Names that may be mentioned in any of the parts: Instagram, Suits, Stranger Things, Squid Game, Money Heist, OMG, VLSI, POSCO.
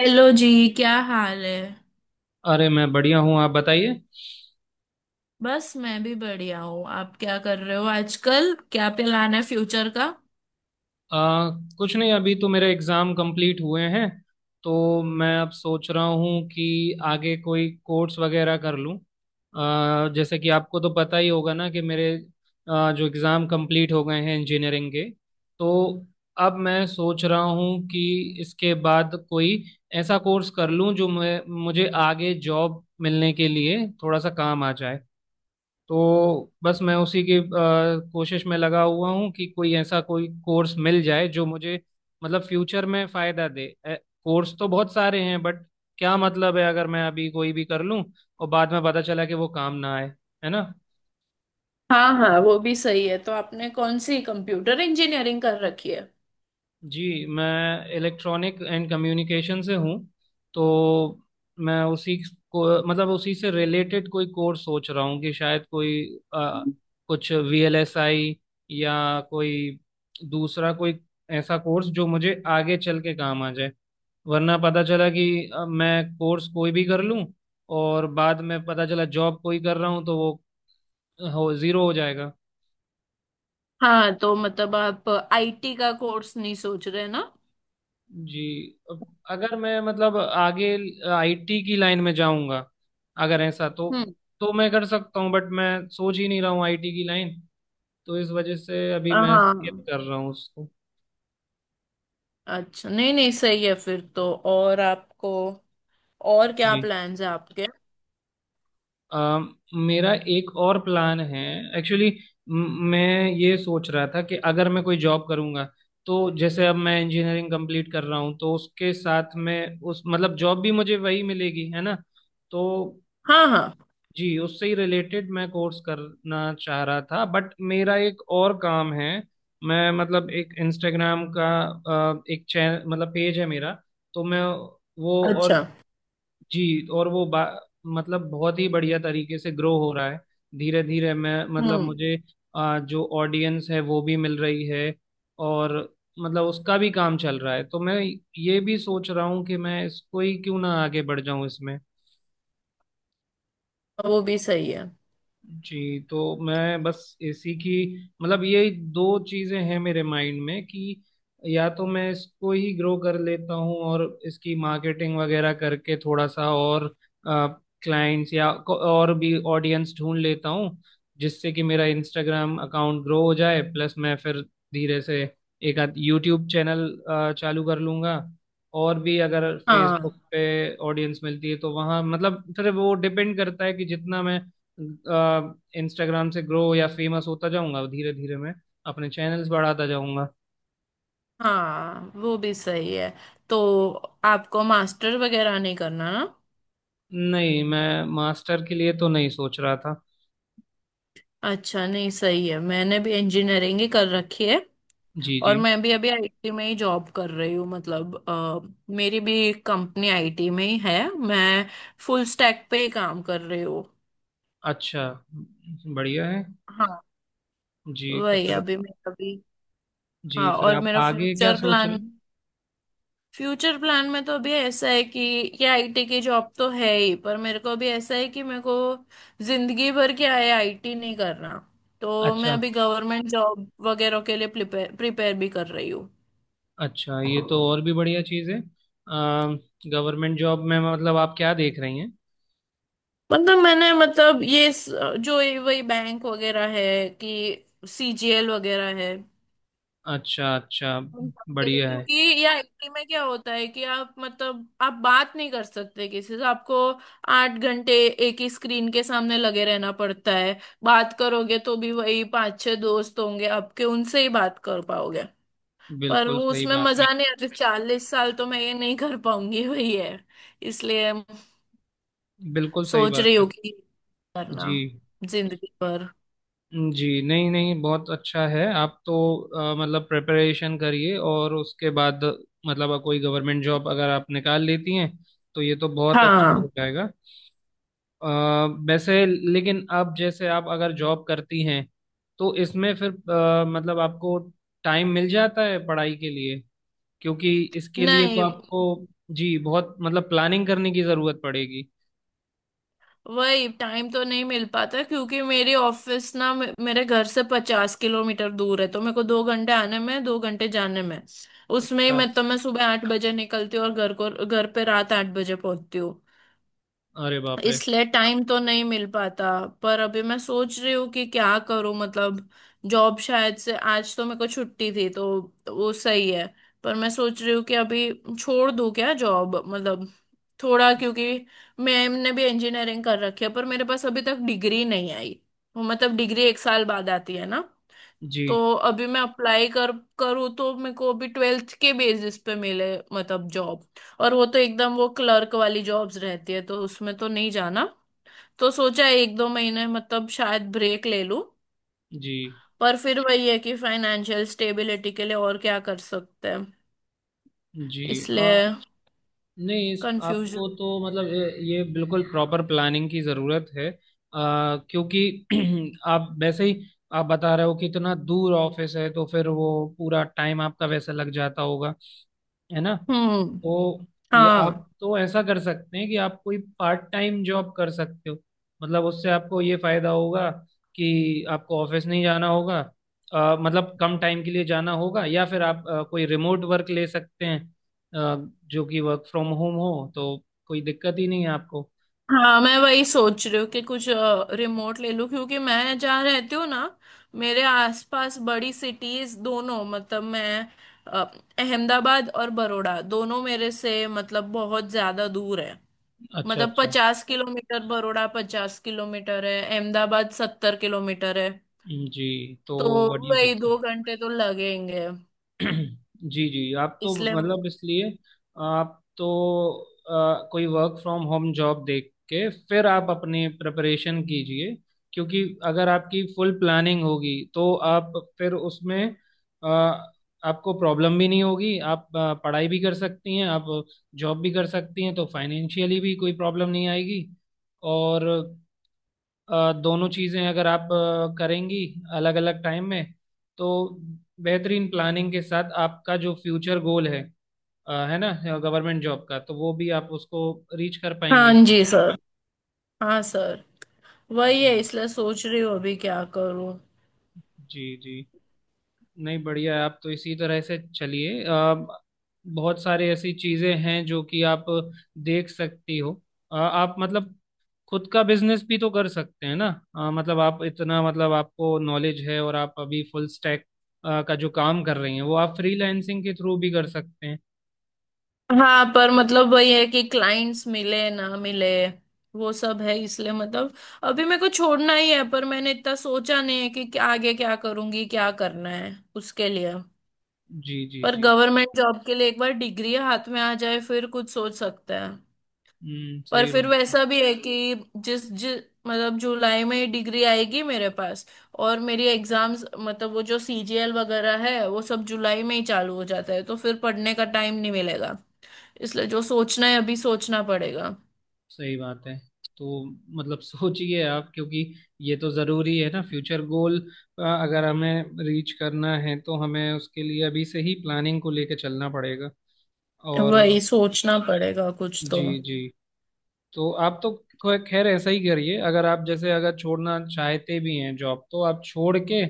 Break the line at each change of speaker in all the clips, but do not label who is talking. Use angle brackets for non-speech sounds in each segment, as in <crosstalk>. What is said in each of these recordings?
Hello जी। क्या हाल है।
अरे मैं बढ़िया हूँ, आप बताइए।
बस मैं भी बढ़िया हूँ। आप क्या कर रहे हो आजकल? क्या प्लान है फ्यूचर का?
आ, कुछ नहीं, अभी तो मेरे एग्ज़ाम कंप्लीट हुए हैं। तो मैं अब सोच रहा हूँ कि आगे कोई कोर्स वगैरह कर लूँ। जैसे कि आपको तो पता ही होगा ना कि मेरे जो एग्ज़ाम कंप्लीट हो गए हैं इंजीनियरिंग के। तो अब मैं सोच रहा हूँ कि इसके बाद कोई ऐसा कोर्स कर लूँ जो मैं मुझे आगे जॉब मिलने के लिए थोड़ा सा काम आ जाए। तो बस मैं उसी की कोशिश में लगा हुआ हूँ कि कोई कोर्स मिल जाए जो मुझे मतलब फ्यूचर में फायदा दे। कोर्स तो बहुत सारे हैं, बट क्या मतलब है अगर मैं अभी कोई भी कर लूँ और बाद में पता चला कि वो काम ना आए। है ना।
हाँ हाँ, वो भी सही है। तो आपने कौन सी कंप्यूटर इंजीनियरिंग कर रखी है?
जी, मैं इलेक्ट्रॉनिक एंड कम्युनिकेशन से हूँ। तो मैं उसी को मतलब उसी से रिलेटेड कोई कोर्स सोच रहा हूँ कि शायद कोई अ, कुछ वीएलएसआई या कोई ऐसा कोर्स जो मुझे आगे चल के काम आ जाए। वरना पता चला कि मैं कोर्स कोई भी कर लूँ और बाद में पता चला जॉब कोई कर रहा हूँ तो वो हो जीरो हो जाएगा।
हाँ, तो मतलब आप आईटी का कोर्स नहीं सोच रहे ना?
जी, अब अगर मैं मतलब आगे आईटी की लाइन में जाऊंगा, अगर ऐसा
हम्म।
तो मैं कर सकता हूँ, बट मैं सोच ही नहीं रहा हूँ आईटी की लाइन। तो इस वजह से अभी मैं स्किप
हाँ।
कर रहा हूँ उसको।
अच्छा, नहीं नहीं, सही है फिर तो। और आपको और क्या
जी।
प्लान्स है आपके?
अम, मेरा एक और प्लान है एक्चुअली। मैं ये सोच रहा था कि अगर मैं कोई जॉब करूंगा तो जैसे अब मैं इंजीनियरिंग कंप्लीट कर रहा हूँ तो उसके साथ में उस मतलब जॉब भी मुझे वही मिलेगी, है ना। तो
हाँ हाँ।
जी, उससे ही रिलेटेड मैं कोर्स करना चाह रहा था, बट मेरा एक और काम है। मैं मतलब एक इंस्टाग्राम का एक चैनल मतलब पेज है मेरा। तो मैं वो और
अच्छा।
जी, और वो मतलब बहुत ही बढ़िया तरीके से ग्रो हो रहा है। धीरे धीरे मैं मतलब
हम्म।
मुझे जो ऑडियंस है वो भी मिल रही है और मतलब उसका भी काम चल रहा है। तो मैं ये भी सोच रहा हूँ कि मैं इसको ही क्यों ना आगे बढ़ जाऊं इसमें।
वो भी सही है।
जी, तो मैं बस एसी की मतलब ये दो चीजें हैं मेरे माइंड में कि या तो मैं इसको ही ग्रो कर लेता हूँ और इसकी मार्केटिंग वगैरह करके थोड़ा सा और क्लाइंट्स और भी ऑडियंस ढूंढ लेता हूँ जिससे कि मेरा इंस्टाग्राम अकाउंट ग्रो हो जाए। प्लस मैं फिर धीरे से एक आध यूट्यूब चैनल चालू कर लूंगा। और भी अगर फेसबुक
हाँ
पे ऑडियंस मिलती है तो वहाँ मतलब फिर वो डिपेंड करता है कि जितना मैं इंस्टाग्राम से ग्रो या फेमस होता जाऊंगा, धीरे धीरे मैं अपने चैनल्स बढ़ाता जाऊंगा।
हाँ, वो भी सही है। तो आपको मास्टर वगैरह नहीं करना ना?
नहीं, मैं मास्टर के लिए तो नहीं सोच रहा था।
अच्छा, नहीं सही है, मैंने भी इंजीनियरिंग ही कर रखी है।
जी
और
जी।
मैं भी अभी आईटी में ही जॉब कर रही हूँ, मतलब मेरी भी कंपनी आईटी में ही है, मैं फुल स्टैक पे ही काम कर रही हूँ।
अच्छा, बढ़िया है।
हाँ।
जी, तो
वही
फिर
अभी मैं अभी।
जी,
हाँ,
फिर
और
आप
मेरा
आगे क्या
फ्यूचर
सोच रहे
प्लान।
हैं?
फ्यूचर प्लान में तो अभी ऐसा है कि ये आईटी की जॉब तो है ही, पर मेरे को अभी ऐसा है कि मेरे को जिंदगी भर क्या है, आईटी नहीं करना। तो मैं
अच्छा
अभी गवर्नमेंट जॉब वगैरह के लिए प्रिपेयर प्रिपेयर भी कर रही हूँ।
अच्छा, ये तो और भी बढ़िया चीज़ है। गवर्नमेंट जॉब में मतलब आप क्या देख रही हैं।
मतलब मैंने, मतलब जो ये वही बैंक वगैरह है कि सीजीएल वगैरह है
अच्छा अच्छा,
हम सबके लिए,
बढ़िया है।
क्योंकि या एटी में क्या होता है कि आप, मतलब आप बात नहीं कर सकते किसी से, आपको 8 घंटे एक ही स्क्रीन के सामने लगे रहना पड़ता है। बात करोगे तो भी वही 5 6 दोस्त होंगे आपके, उनसे ही बात कर पाओगे। पर
बिल्कुल
वो,
सही
उसमें
बात है।
मजा नहीं आता, 40 साल तो मैं ये नहीं कर पाऊंगी, वही है। इसलिए
बिल्कुल सही
सोच
बात
रही
है।
हूँ कि करना
जी
जिंदगी भर।
जी। नहीं नहीं, बहुत अच्छा है। आप तो मतलब प्रिपरेशन करिए और उसके बाद मतलब कोई गवर्नमेंट जॉब अगर आप निकाल लेती हैं तो ये तो बहुत अच्छा
हाँ।
हो जाएगा। अ, वैसे, लेकिन अब जैसे आप अगर जॉब करती हैं तो इसमें फिर मतलब आपको टाइम मिल जाता है पढ़ाई के लिए, क्योंकि इसके लिए तो
नहीं,
आपको जी बहुत मतलब प्लानिंग करने की ज़रूरत पड़ेगी।
वही टाइम तो नहीं मिल पाता क्योंकि मेरी ऑफिस ना मेरे घर से 50 किलोमीटर दूर है, तो मेरे को 2 घंटे आने में, 2 घंटे जाने में, उसमें ही
अच्छा,
मैं, तो मैं सुबह 8 बजे निकलती हूँ और घर को, घर पे रात 8 बजे पहुंचती।
अरे बाप रे।
इसलिए टाइम तो नहीं मिल पाता। पर अभी मैं सोच रही हूँ कि क्या करूँ, मतलब जॉब शायद, से आज तो मेरे को छुट्टी थी तो वो सही है, पर मैं सोच रही हूँ कि अभी छोड़ दूँ क्या जॉब? मतलब थोड़ा, क्योंकि मैम ने भी इंजीनियरिंग कर रखी है, पर मेरे पास अभी तक डिग्री नहीं आई। वो मतलब डिग्री एक साल बाद आती है ना।
जी
तो अभी मैं अप्लाई कर करूँ तो मेरे को अभी ट्वेल्थ के बेसिस पे मिले, मतलब जॉब। और वो तो एकदम वो क्लर्क वाली जॉब्स रहती है, तो उसमें तो नहीं जाना। तो सोचा है 1 2 महीने मतलब शायद ब्रेक ले लूं।
जी
पर फिर वही है कि फाइनेंशियल स्टेबिलिटी के लिए और क्या कर सकते हैं?
जी।
इसलिए
नहीं, इस
कंफ्यूजन।
आपको तो मतलब ये बिल्कुल प्रॉपर प्लानिंग की ज़रूरत है। क्योंकि <clears throat> आप वैसे ही आप बता रहे हो कि इतना दूर ऑफिस है तो फिर वो पूरा टाइम आपका वैसे लग जाता होगा, है ना।
हम्म।
तो ये
हाँ
आप तो ऐसा कर सकते हैं कि आप कोई पार्ट टाइम जॉब कर सकते हो। मतलब उससे आपको ये फायदा होगा कि आपको ऑफिस नहीं जाना होगा। मतलब कम टाइम के लिए जाना होगा या फिर आप कोई रिमोट वर्क ले सकते हैं। जो कि वर्क फ्रॉम होम हो, तो कोई दिक्कत ही नहीं है आपको।
हाँ, मैं वही सोच रही हूँ कि कुछ रिमोट ले लूँ, क्योंकि मैं जहाँ रहती हूँ ना, मेरे आसपास बड़ी सिटीज दोनों, मतलब मैं अ, अहमदाबाद और बड़ौदा दोनों मेरे से मतलब बहुत ज्यादा दूर है।
अच्छा
मतलब
अच्छा।
50 किलोमीटर बड़ौदा, 50 किलोमीटर है, अहमदाबाद 70 किलोमीटर है।
जी, तो
तो
व्हाट यू
वही
थिंक।
2 घंटे तो लगेंगे।
जी जी, आप तो
इसलिए।
मतलब इसलिए आप तो कोई वर्क फ्रॉम होम जॉब देख के फिर आप अपनी प्रिपरेशन कीजिए। क्योंकि अगर आपकी फुल प्लानिंग होगी तो आप फिर उसमें अ, आपको प्रॉब्लम भी नहीं होगी। आप पढ़ाई भी कर सकती हैं, आप जॉब भी कर सकती हैं तो फाइनेंशियली भी कोई प्रॉब्लम नहीं आएगी। और दोनों चीज़ें अगर आप करेंगी अलग अलग टाइम में, तो बेहतरीन प्लानिंग के साथ आपका जो फ्यूचर गोल है, है ना, गवर्नमेंट जॉब का, तो वो भी आप उसको रीच कर
हाँ
पाएंगी।
जी सर। हाँ सर। वही है,
जी
इसलिए सोच रही हूँ अभी क्या करूँ।
जी जी। नहीं, बढ़िया है। आप तो इसी तरह से चलिए। आप बहुत सारी ऐसी चीजें हैं जो कि आप देख सकती हो। आप मतलब खुद का बिजनेस भी तो कर सकते हैं ना। मतलब आप इतना मतलब आपको नॉलेज है और आप अभी फुल स्टैक का जो काम कर रही हैं वो आप फ्रीलांसिंग के थ्रू भी कर सकते हैं।
हाँ, पर मतलब वही है कि क्लाइंट्स मिले ना मिले, वो सब है। इसलिए मतलब अभी मेरे को छोड़ना ही है, पर मैंने इतना सोचा नहीं है कि क्या आगे क्या करूँगी, क्या करना है उसके लिए।
जी जी
पर
जी।
गवर्नमेंट जॉब के लिए एक बार डिग्री हाथ में आ जाए फिर कुछ सोच सकते हैं।
हम्म,
पर फिर वैसा भी है कि जिस जिस मतलब जुलाई में डिग्री आएगी मेरे पास, और मेरी एग्जाम्स मतलब वो जो सीजीएल वगैरह है वो सब जुलाई में ही चालू हो जाता है, तो फिर पढ़ने का टाइम नहीं मिलेगा। इसलिए जो सोचना है अभी सोचना पड़ेगा।
सही बात है। तो मतलब सोचिए आप, क्योंकि ये तो जरूरी है ना फ्यूचर गोल, अगर हमें रीच करना है तो हमें उसके लिए अभी से ही प्लानिंग को लेके चलना पड़ेगा। और
वही सोचना पड़ेगा कुछ तो।
जी जी, तो आप तो खैर ऐसा ही करिए। अगर आप जैसे अगर छोड़ना चाहते भी हैं जॉब, तो आप छोड़ के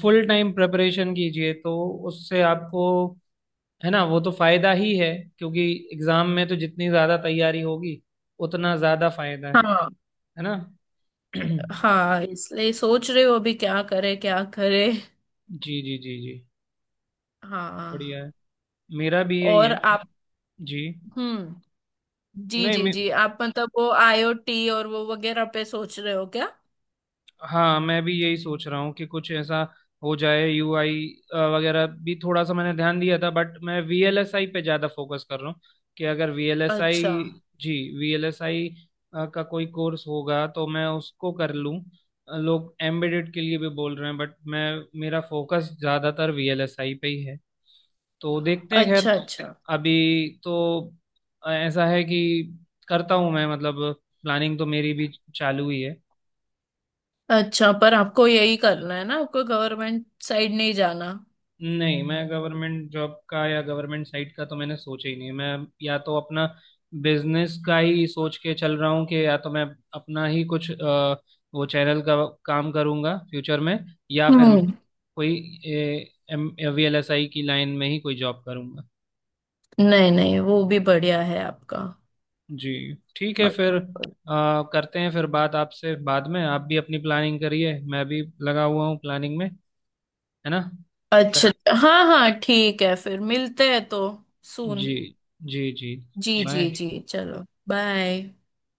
फुल टाइम प्रिपरेशन कीजिए तो उससे आपको, है ना, वो तो फायदा ही है। क्योंकि एग्जाम में तो जितनी ज्यादा तैयारी होगी उतना ज्यादा फायदा है
हाँ
है ना। <clears throat> जी।
हाँ, इसलिए सोच रहे हो अभी क्या करे क्या करे।
जी जी जी।
हाँ।
बढ़िया है, मेरा भी यही
और
है।
आप?
जी,
हम्म। जी
नहीं
जी
मैं,
जी, आप मतलब वो आईओटी और वो वगैरह पे सोच रहे हो क्या?
हाँ मैं भी यही सोच रहा हूँ कि कुछ ऐसा हो जाए। यूआई वगैरह भी थोड़ा सा मैंने ध्यान दिया था, बट मैं वीएलएसआई पे ज़्यादा फोकस कर रहा हूँ कि अगर वीएलएसआई,
अच्छा।
जी, वीएलएसआई का कोई कोर्स होगा तो मैं उसको कर लूँ। लोग एम्बेडेड के लिए भी बोल रहे हैं, बट मैं मेरा फोकस ज़्यादातर वीएलएसआई पे ही है। तो देखते हैं, खैर
अच्छा। अच्छा
अभी तो ऐसा है कि करता हूँ मैं मतलब प्लानिंग तो मेरी भी चालू ही है।
अच्छा, पर आपको यही करना है ना, आपको गवर्नमेंट साइड नहीं जाना?
नहीं, मैं गवर्नमेंट जॉब का या गवर्नमेंट साइट का तो मैंने सोचा ही नहीं। मैं या तो अपना बिजनेस का ही सोच के चल रहा हूँ कि या तो मैं अपना ही कुछ वो चैनल का काम करूँगा फ्यूचर में, या फिर मैं
हम्म।
कोई वीएलएसआई की लाइन में ही कोई जॉब करूँगा।
नहीं नहीं, वो भी बढ़िया है आपका।
जी ठीक है फिर।
मतलब-
करते हैं फिर बात आपसे बाद में। आप भी अपनी प्लानिंग करिए, मैं भी लगा हुआ हूँ प्लानिंग में, है ना। कर
अच्छा। हाँ हाँ ठीक है, फिर मिलते हैं तो। सून।
जी जी जी।
जी जी
बाय।
जी, चलो बाय।